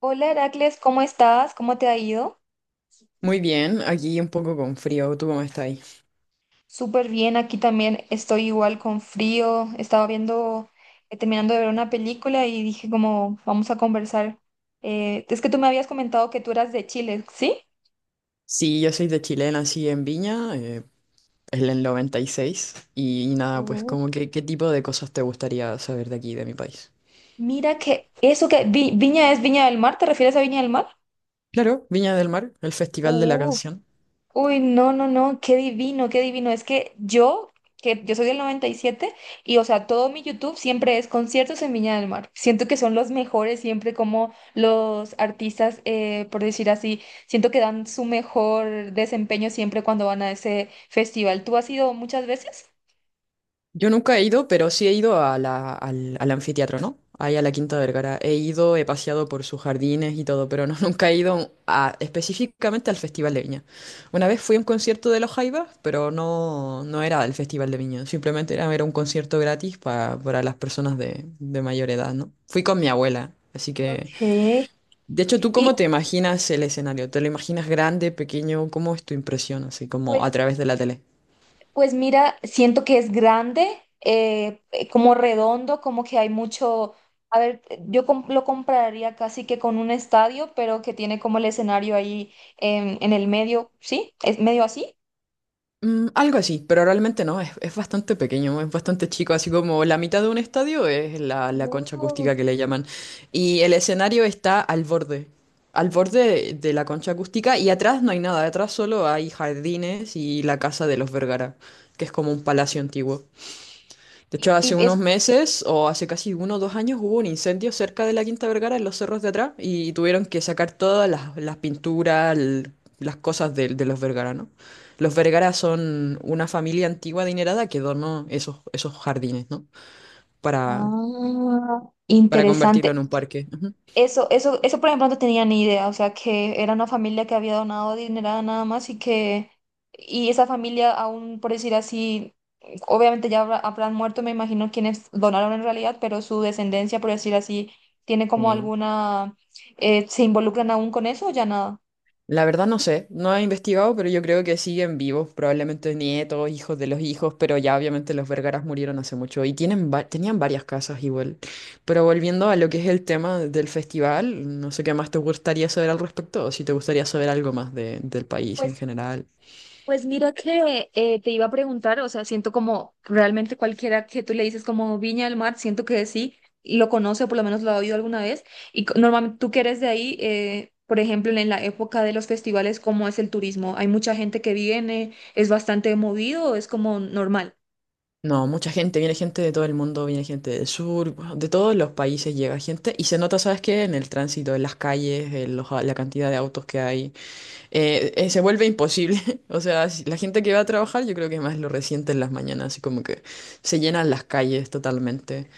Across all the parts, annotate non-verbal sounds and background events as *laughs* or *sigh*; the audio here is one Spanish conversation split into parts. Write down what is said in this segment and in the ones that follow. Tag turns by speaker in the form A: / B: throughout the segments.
A: Hola Heracles, ¿cómo estás? ¿Cómo te ha ido?
B: Muy bien, aquí un poco con frío, ¿tú cómo estáis?
A: Súper bien, aquí también estoy igual con frío. Estaba viendo, terminando de ver una película y dije como, vamos a conversar. Es que tú me habías comentado que tú eras de Chile, ¿sí?
B: Sí, yo soy de Chile, nací en Viña, en el 96, y, seis, y, nada, pues
A: Uh,
B: como que, ¿qué tipo de cosas te gustaría saber de aquí, de mi país?
A: Mira que eso que Viña es Viña del Mar, ¿te refieres a Viña del Mar?
B: Claro, Viña del Mar, el Festival de la
A: Uh,
B: Canción.
A: Uy, no, no, no, qué divino, qué divino. Que yo soy del 97 o sea, todo mi YouTube siempre es conciertos en Viña del Mar. Siento que son los mejores siempre como los artistas, por decir así, siento que dan su mejor desempeño siempre cuando van a ese festival. ¿Tú has ido muchas veces?
B: Yo nunca he ido, pero sí he ido al anfiteatro, ¿no? Ahí a la Quinta Vergara. He ido, he paseado por sus jardines y todo, pero no, *laughs* nunca he ido a- específicamente al Festival de Viña. Una vez fui a un concierto de Los Jaivas, pero no, no era el Festival de Viña, simplemente era, era un concierto gratis para las personas de mayor edad, ¿no? Fui con mi abuela, así que...
A: Ok.
B: De hecho, ¿tú
A: Y
B: cómo te imaginas el escenario? ¿Te lo imaginas grande, pequeño? ¿Cómo es tu impresión, así como a
A: pues
B: través de la tele?
A: Pues mira, siento que es grande, como redondo, como que hay mucho, a ver, lo compraría casi que con un estadio, pero que tiene como el escenario ahí en el medio, ¿sí? Es medio así.
B: Mm, algo así, pero realmente no, es bastante pequeño, es bastante chico, así como la mitad de un estadio es la concha
A: Wow.
B: acústica que le llaman. Y el escenario está al borde de la concha acústica y atrás no hay nada, atrás solo hay jardines y la casa de los Vergara, que es como un palacio antiguo. De hecho, hace
A: Y
B: unos
A: es
B: meses o hace casi 1 o 2 años hubo un incendio cerca de la Quinta Vergara en los cerros de atrás y tuvieron que sacar todas las pinturas, las cosas de los Vergara, ¿no? Los Vergara son una familia antigua adinerada que donó esos jardines, ¿no? Para,
A: ah,
B: para
A: interesante.
B: convertirlo en un parque. Ujú.
A: Eso, por ejemplo, no tenía ni idea, o sea, que era una familia que había donado dinero nada más y esa familia aún, por decir así, obviamente ya habrán muerto, me imagino, quienes donaron en realidad, pero su descendencia, por decir así, tiene como
B: Sí.
A: alguna, ¿se involucran aún con eso o ya nada?
B: La verdad no sé, no he investigado, pero yo creo que siguen vivos, probablemente nietos, hijos de los hijos, pero ya obviamente los Vergaras murieron hace mucho y tienen tenían varias casas igual. Pero volviendo a lo que es el tema del festival, no sé qué más te gustaría saber al respecto o si te gustaría saber algo más de- del país en general.
A: Pues mira que te iba a preguntar, o sea, siento como realmente cualquiera que tú le dices como Viña del Mar, siento que sí, lo conoce, por lo menos lo ha oído alguna vez. Normalmente tú que eres de ahí, por ejemplo, en la época de los festivales, ¿cómo es el turismo? ¿Hay mucha gente que viene? ¿Es bastante movido o es como normal?
B: No, mucha gente, viene gente de todo el mundo, viene gente del sur, bueno, de todos los países llega gente y se nota, ¿sabes qué? En el tránsito, en las calles, en los- la cantidad de autos que hay. Se vuelve imposible. *laughs* O sea, la gente que va a trabajar, yo creo que más lo resiente en las mañanas, así como que se llenan las calles totalmente.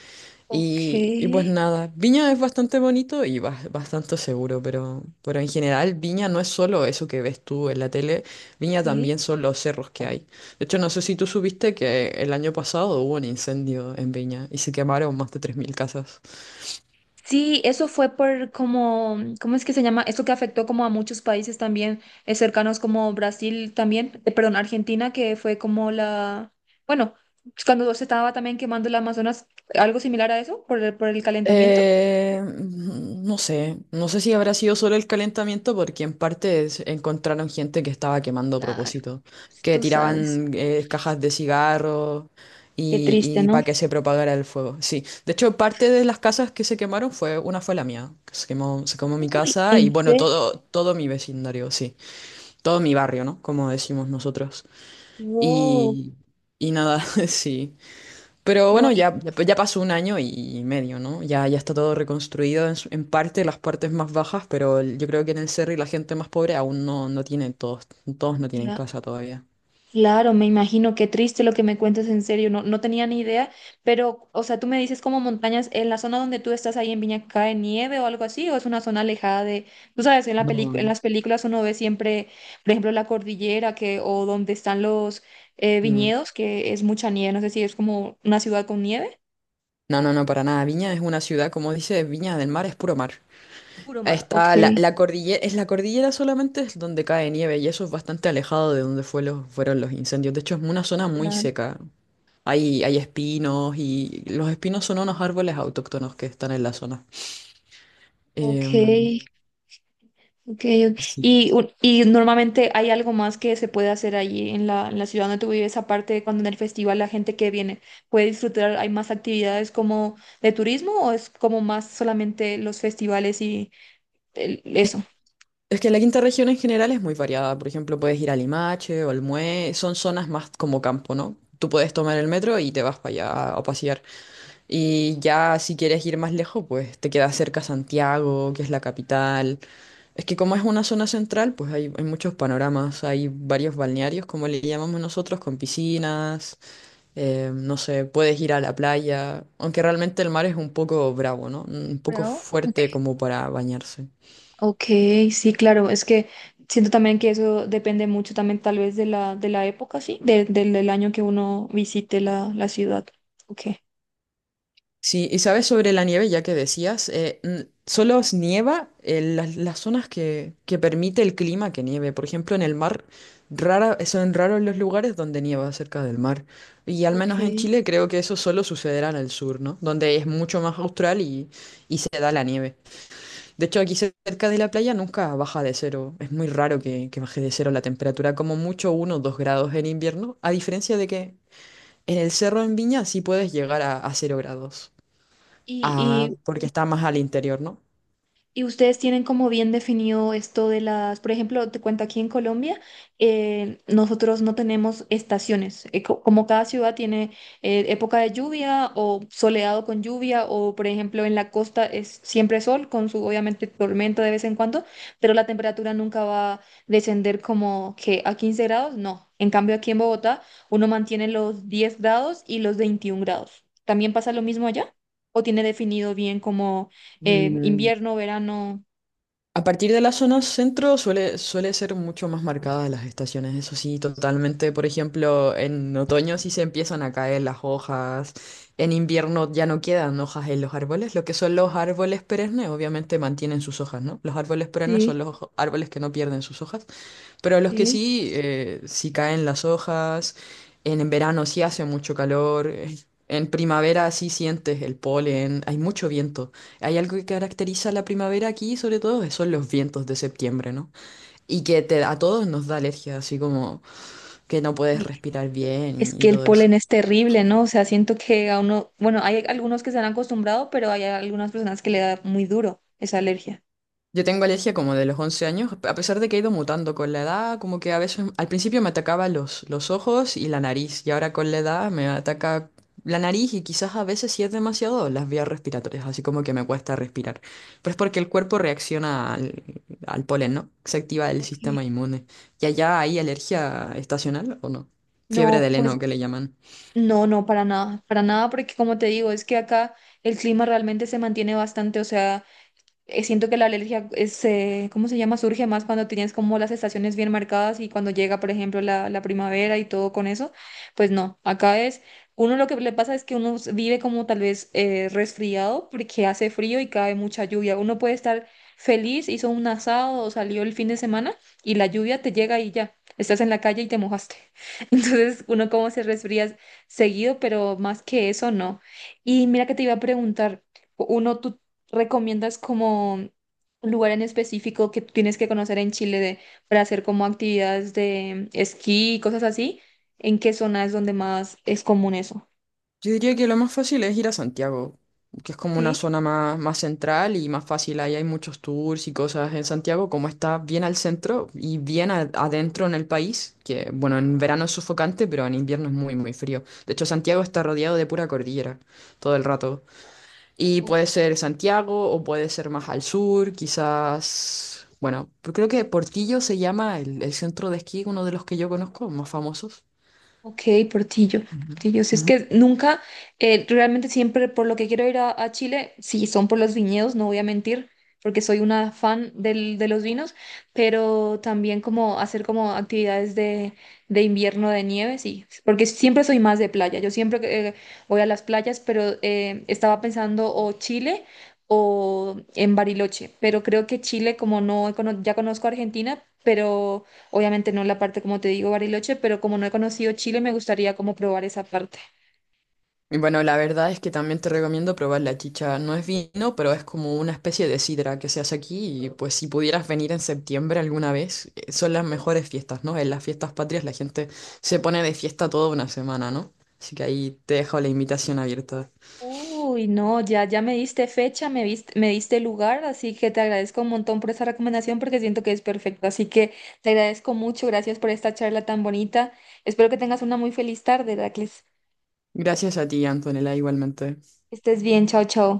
A: Ok,
B: Y pues nada, Viña es bastante bonito y bastante seguro, pero en general Viña no es solo eso que ves tú en la tele, Viña
A: sí.
B: también son los cerros que hay. De hecho, no sé si tú supiste que el año pasado hubo un incendio en Viña y se quemaron más de 3.000 casas.
A: Sí, eso fue por como, ¿cómo es que se llama? Eso que afectó como a muchos países también cercanos como Brasil también, perdón, Argentina, que fue como la, bueno, cuando se estaba también quemando el Amazonas, algo similar a eso, por el calentamiento.
B: No sé, si habrá sido solo el calentamiento porque en parte encontraron gente que estaba quemando a
A: Claro,
B: propósito, que
A: tú sabes.
B: tiraban cajas de cigarros
A: Qué
B: y,
A: triste,
B: y
A: ¿no?
B: para que se propagara el fuego. Sí, de hecho parte de las casas que se quemaron fue, una fue la mía, que se quemó mi
A: Uy,
B: casa y
A: ¿en
B: bueno,
A: serio?
B: todo mi vecindario, sí, todo mi barrio, ¿no? Como decimos nosotros.
A: Wow.
B: Y, y nada, *laughs* sí. Pero
A: No,
B: bueno, ya pasó un año y medio, ¿no? Ya está todo reconstruido en parte, las partes más bajas, pero el- yo creo que en el Cerro y la gente más pobre aún no, no tiene, todos, todos no
A: y,
B: tienen casa todavía.
A: claro, me imagino, qué triste lo que me cuentas en serio, no, no tenía ni idea, pero, o sea, tú me dices como montañas, en la zona donde tú estás ahí en Viña cae nieve o algo así, o es una zona alejada de, tú sabes, en la en
B: No.
A: las películas uno ve siempre, por ejemplo, la cordillera que, o donde están los
B: No,
A: viñedos, que es mucha nieve, no sé si es como una ciudad con nieve.
B: no, no, no, para nada. Viña es una ciudad, como dice, Viña del Mar es puro mar.
A: Puro mar. Ok,
B: Está la cordillera, es la cordillera solamente es donde cae nieve y eso es bastante alejado de donde fue fueron los incendios. De hecho, es una zona muy
A: claro.
B: seca. Hay espinos y los espinos son unos árboles autóctonos que están en la zona.
A: Ok,
B: Em,
A: ok, ok.
B: sí.
A: Y normalmente hay algo más que se puede hacer allí en la ciudad donde tú vives, aparte de cuando en el festival la gente que viene puede disfrutar, hay más actividades como de turismo o es como más solamente los festivales y
B: Es,
A: eso.
B: es que la quinta región en general es muy variada. Por ejemplo, puedes ir a Limache o al Mue. Son zonas más como campo, ¿no? Tú puedes tomar el metro y te vas para allá a pasear. Y ya si quieres ir más lejos, pues te queda cerca Santiago, que es la capital. Es que como es una zona central, pues hay muchos panoramas. Hay varios balnearios, como le llamamos nosotros, con piscinas. Eh, no sé, puedes ir a la playa. Aunque realmente el mar es un poco bravo, ¿no? Un poco
A: Pero, ok,
B: fuerte como para bañarse.
A: ok, sí, claro, es que siento también que eso depende mucho también tal vez de la época, sí, del año que uno visite la, la ciudad. Ok.
B: Sí, y sabes sobre la nieve, ya que decías, solo nieva en las zonas que permite el clima que nieve. Por ejemplo, en el mar, rara, son raros los lugares donde nieva cerca del mar. Y al
A: Ok.
B: menos en Chile creo que eso solo sucederá en el sur, ¿no? Donde es mucho más austral y se da la nieve. De hecho, aquí cerca de la playa nunca baja de cero. Es muy raro que baje de cero la temperatura, como mucho 1 o 2 grados en invierno, a diferencia de que en el cerro en Viña sí puedes llegar a cero grados. Ah,
A: Y,
B: porque está más al interior, ¿no?
A: Y ustedes tienen como bien definido esto de las, por ejemplo, te cuento aquí en Colombia, nosotros no tenemos estaciones, como cada ciudad tiene época de lluvia o soleado con lluvia o por ejemplo en la costa es siempre sol con su obviamente tormenta de vez en cuando, pero la temperatura nunca va a descender como que a 15 grados, no. En cambio aquí en Bogotá uno mantiene los 10 grados y los 21 grados. ¿También pasa lo mismo allá? ¿O tiene definido bien como
B: Mm,
A: invierno, verano?
B: A partir de la zona centro suele ser mucho más marcadas las estaciones, eso sí, totalmente. Por ejemplo, en otoño sí se empiezan a caer las hojas, en invierno ya no quedan hojas en los árboles, lo que son los árboles perennes obviamente mantienen sus hojas, ¿no? Los árboles perennes
A: Sí,
B: son los ojo- árboles que no pierden sus hojas, pero los que
A: ok.
B: sí, sí caen las hojas, en verano sí hace mucho calor, en primavera sí sientes el polen, hay mucho viento. Hay algo que caracteriza la primavera aquí, sobre todo, que son los vientos de septiembre, ¿no? Y que te, a todos nos da alergia, así como que, no puedes
A: Uy,
B: respirar
A: es
B: bien y
A: que el
B: todo eso.
A: polen es terrible, ¿no? O sea, siento que a uno, bueno, hay algunos que se han acostumbrado, pero hay algunas personas que le da muy duro esa alergia.
B: Yo tengo alergia como de los 11 años, a pesar de que he ido mutando con la edad, como que a veces al principio me atacaba los ojos y la nariz, y ahora con la edad me ataca la nariz y quizás a veces si es demasiado las vías respiratorias, así como que me cuesta respirar. Pero es porque el cuerpo reacciona al polen, ¿no? Se activa el
A: Ok.
B: sistema inmune. ¿Y allá hay alergia estacional o no? Fiebre
A: No,
B: de
A: pues
B: heno que le llaman.
A: no, no, para nada, porque como te digo, es que acá el clima realmente se mantiene bastante, o sea... Siento que la alergia es, ¿cómo se llama? Surge más cuando tienes como las estaciones bien marcadas y cuando llega, por ejemplo, la primavera y todo con eso. Pues no, acá es, uno lo que le pasa es que vive como tal vez resfriado porque hace frío y cae mucha lluvia. Uno puede estar feliz, hizo un asado o salió el fin de semana y la lluvia te llega y ya, estás en la calle y te mojaste. *laughs* Entonces uno como se resfría seguido, pero más que eso no. Y mira que te iba a preguntar. Uno, tú ¿Recomiendas como un lugar en específico que tienes que conocer en Chile para hacer como actividades de esquí y cosas así? ¿En qué zona es donde más es común eso?
B: Yo diría que lo más fácil es ir a Santiago, que es como una
A: Sí.
B: zona más, más central y más fácil. Ahí hay muchos tours y cosas en Santiago, como está bien al centro y bien adentro en el país, que bueno, en verano es sofocante, pero en invierno es muy, muy frío. De hecho, Santiago está rodeado de pura cordillera todo el rato. Y puede ser Santiago o puede ser más al sur, quizás, bueno, pero creo que Portillo se llama el centro de esquí, uno de los que yo conozco, más famosos.
A: Ok, Portillo, Portillo. Si es
B: Ujú.
A: que nunca, realmente siempre por lo que quiero ir a Chile, sí, son por los viñedos, no voy a mentir, porque soy una fan de los vinos, pero también como hacer como actividades de invierno de nieve, sí, porque siempre soy más de playa. Yo siempre eh, voy a las playas, pero estaba pensando o Chile o en Bariloche, pero creo que Chile, como no, ya conozco Argentina, pero obviamente no la parte, como te digo, Bariloche, pero como no he conocido Chile, me gustaría como probar esa parte.
B: Y bueno, la verdad es que también te recomiendo probar la chicha. No es vino, pero es como una especie de sidra que se hace aquí y pues si pudieras venir en septiembre alguna vez, son las mejores fiestas, ¿no? En las fiestas patrias la gente se pone de fiesta toda una semana, ¿no? Así que ahí te dejo la invitación abierta.
A: Uy, no, ya, ya me diste fecha, me diste lugar, así que te agradezco un montón por esa recomendación porque siento que es perfecto. Así que te agradezco mucho, gracias por esta charla tan bonita. Espero que tengas una muy feliz tarde, Heracles.
B: Gracias a ti, Antonella, igualmente.
A: Que estés bien, chao, chao.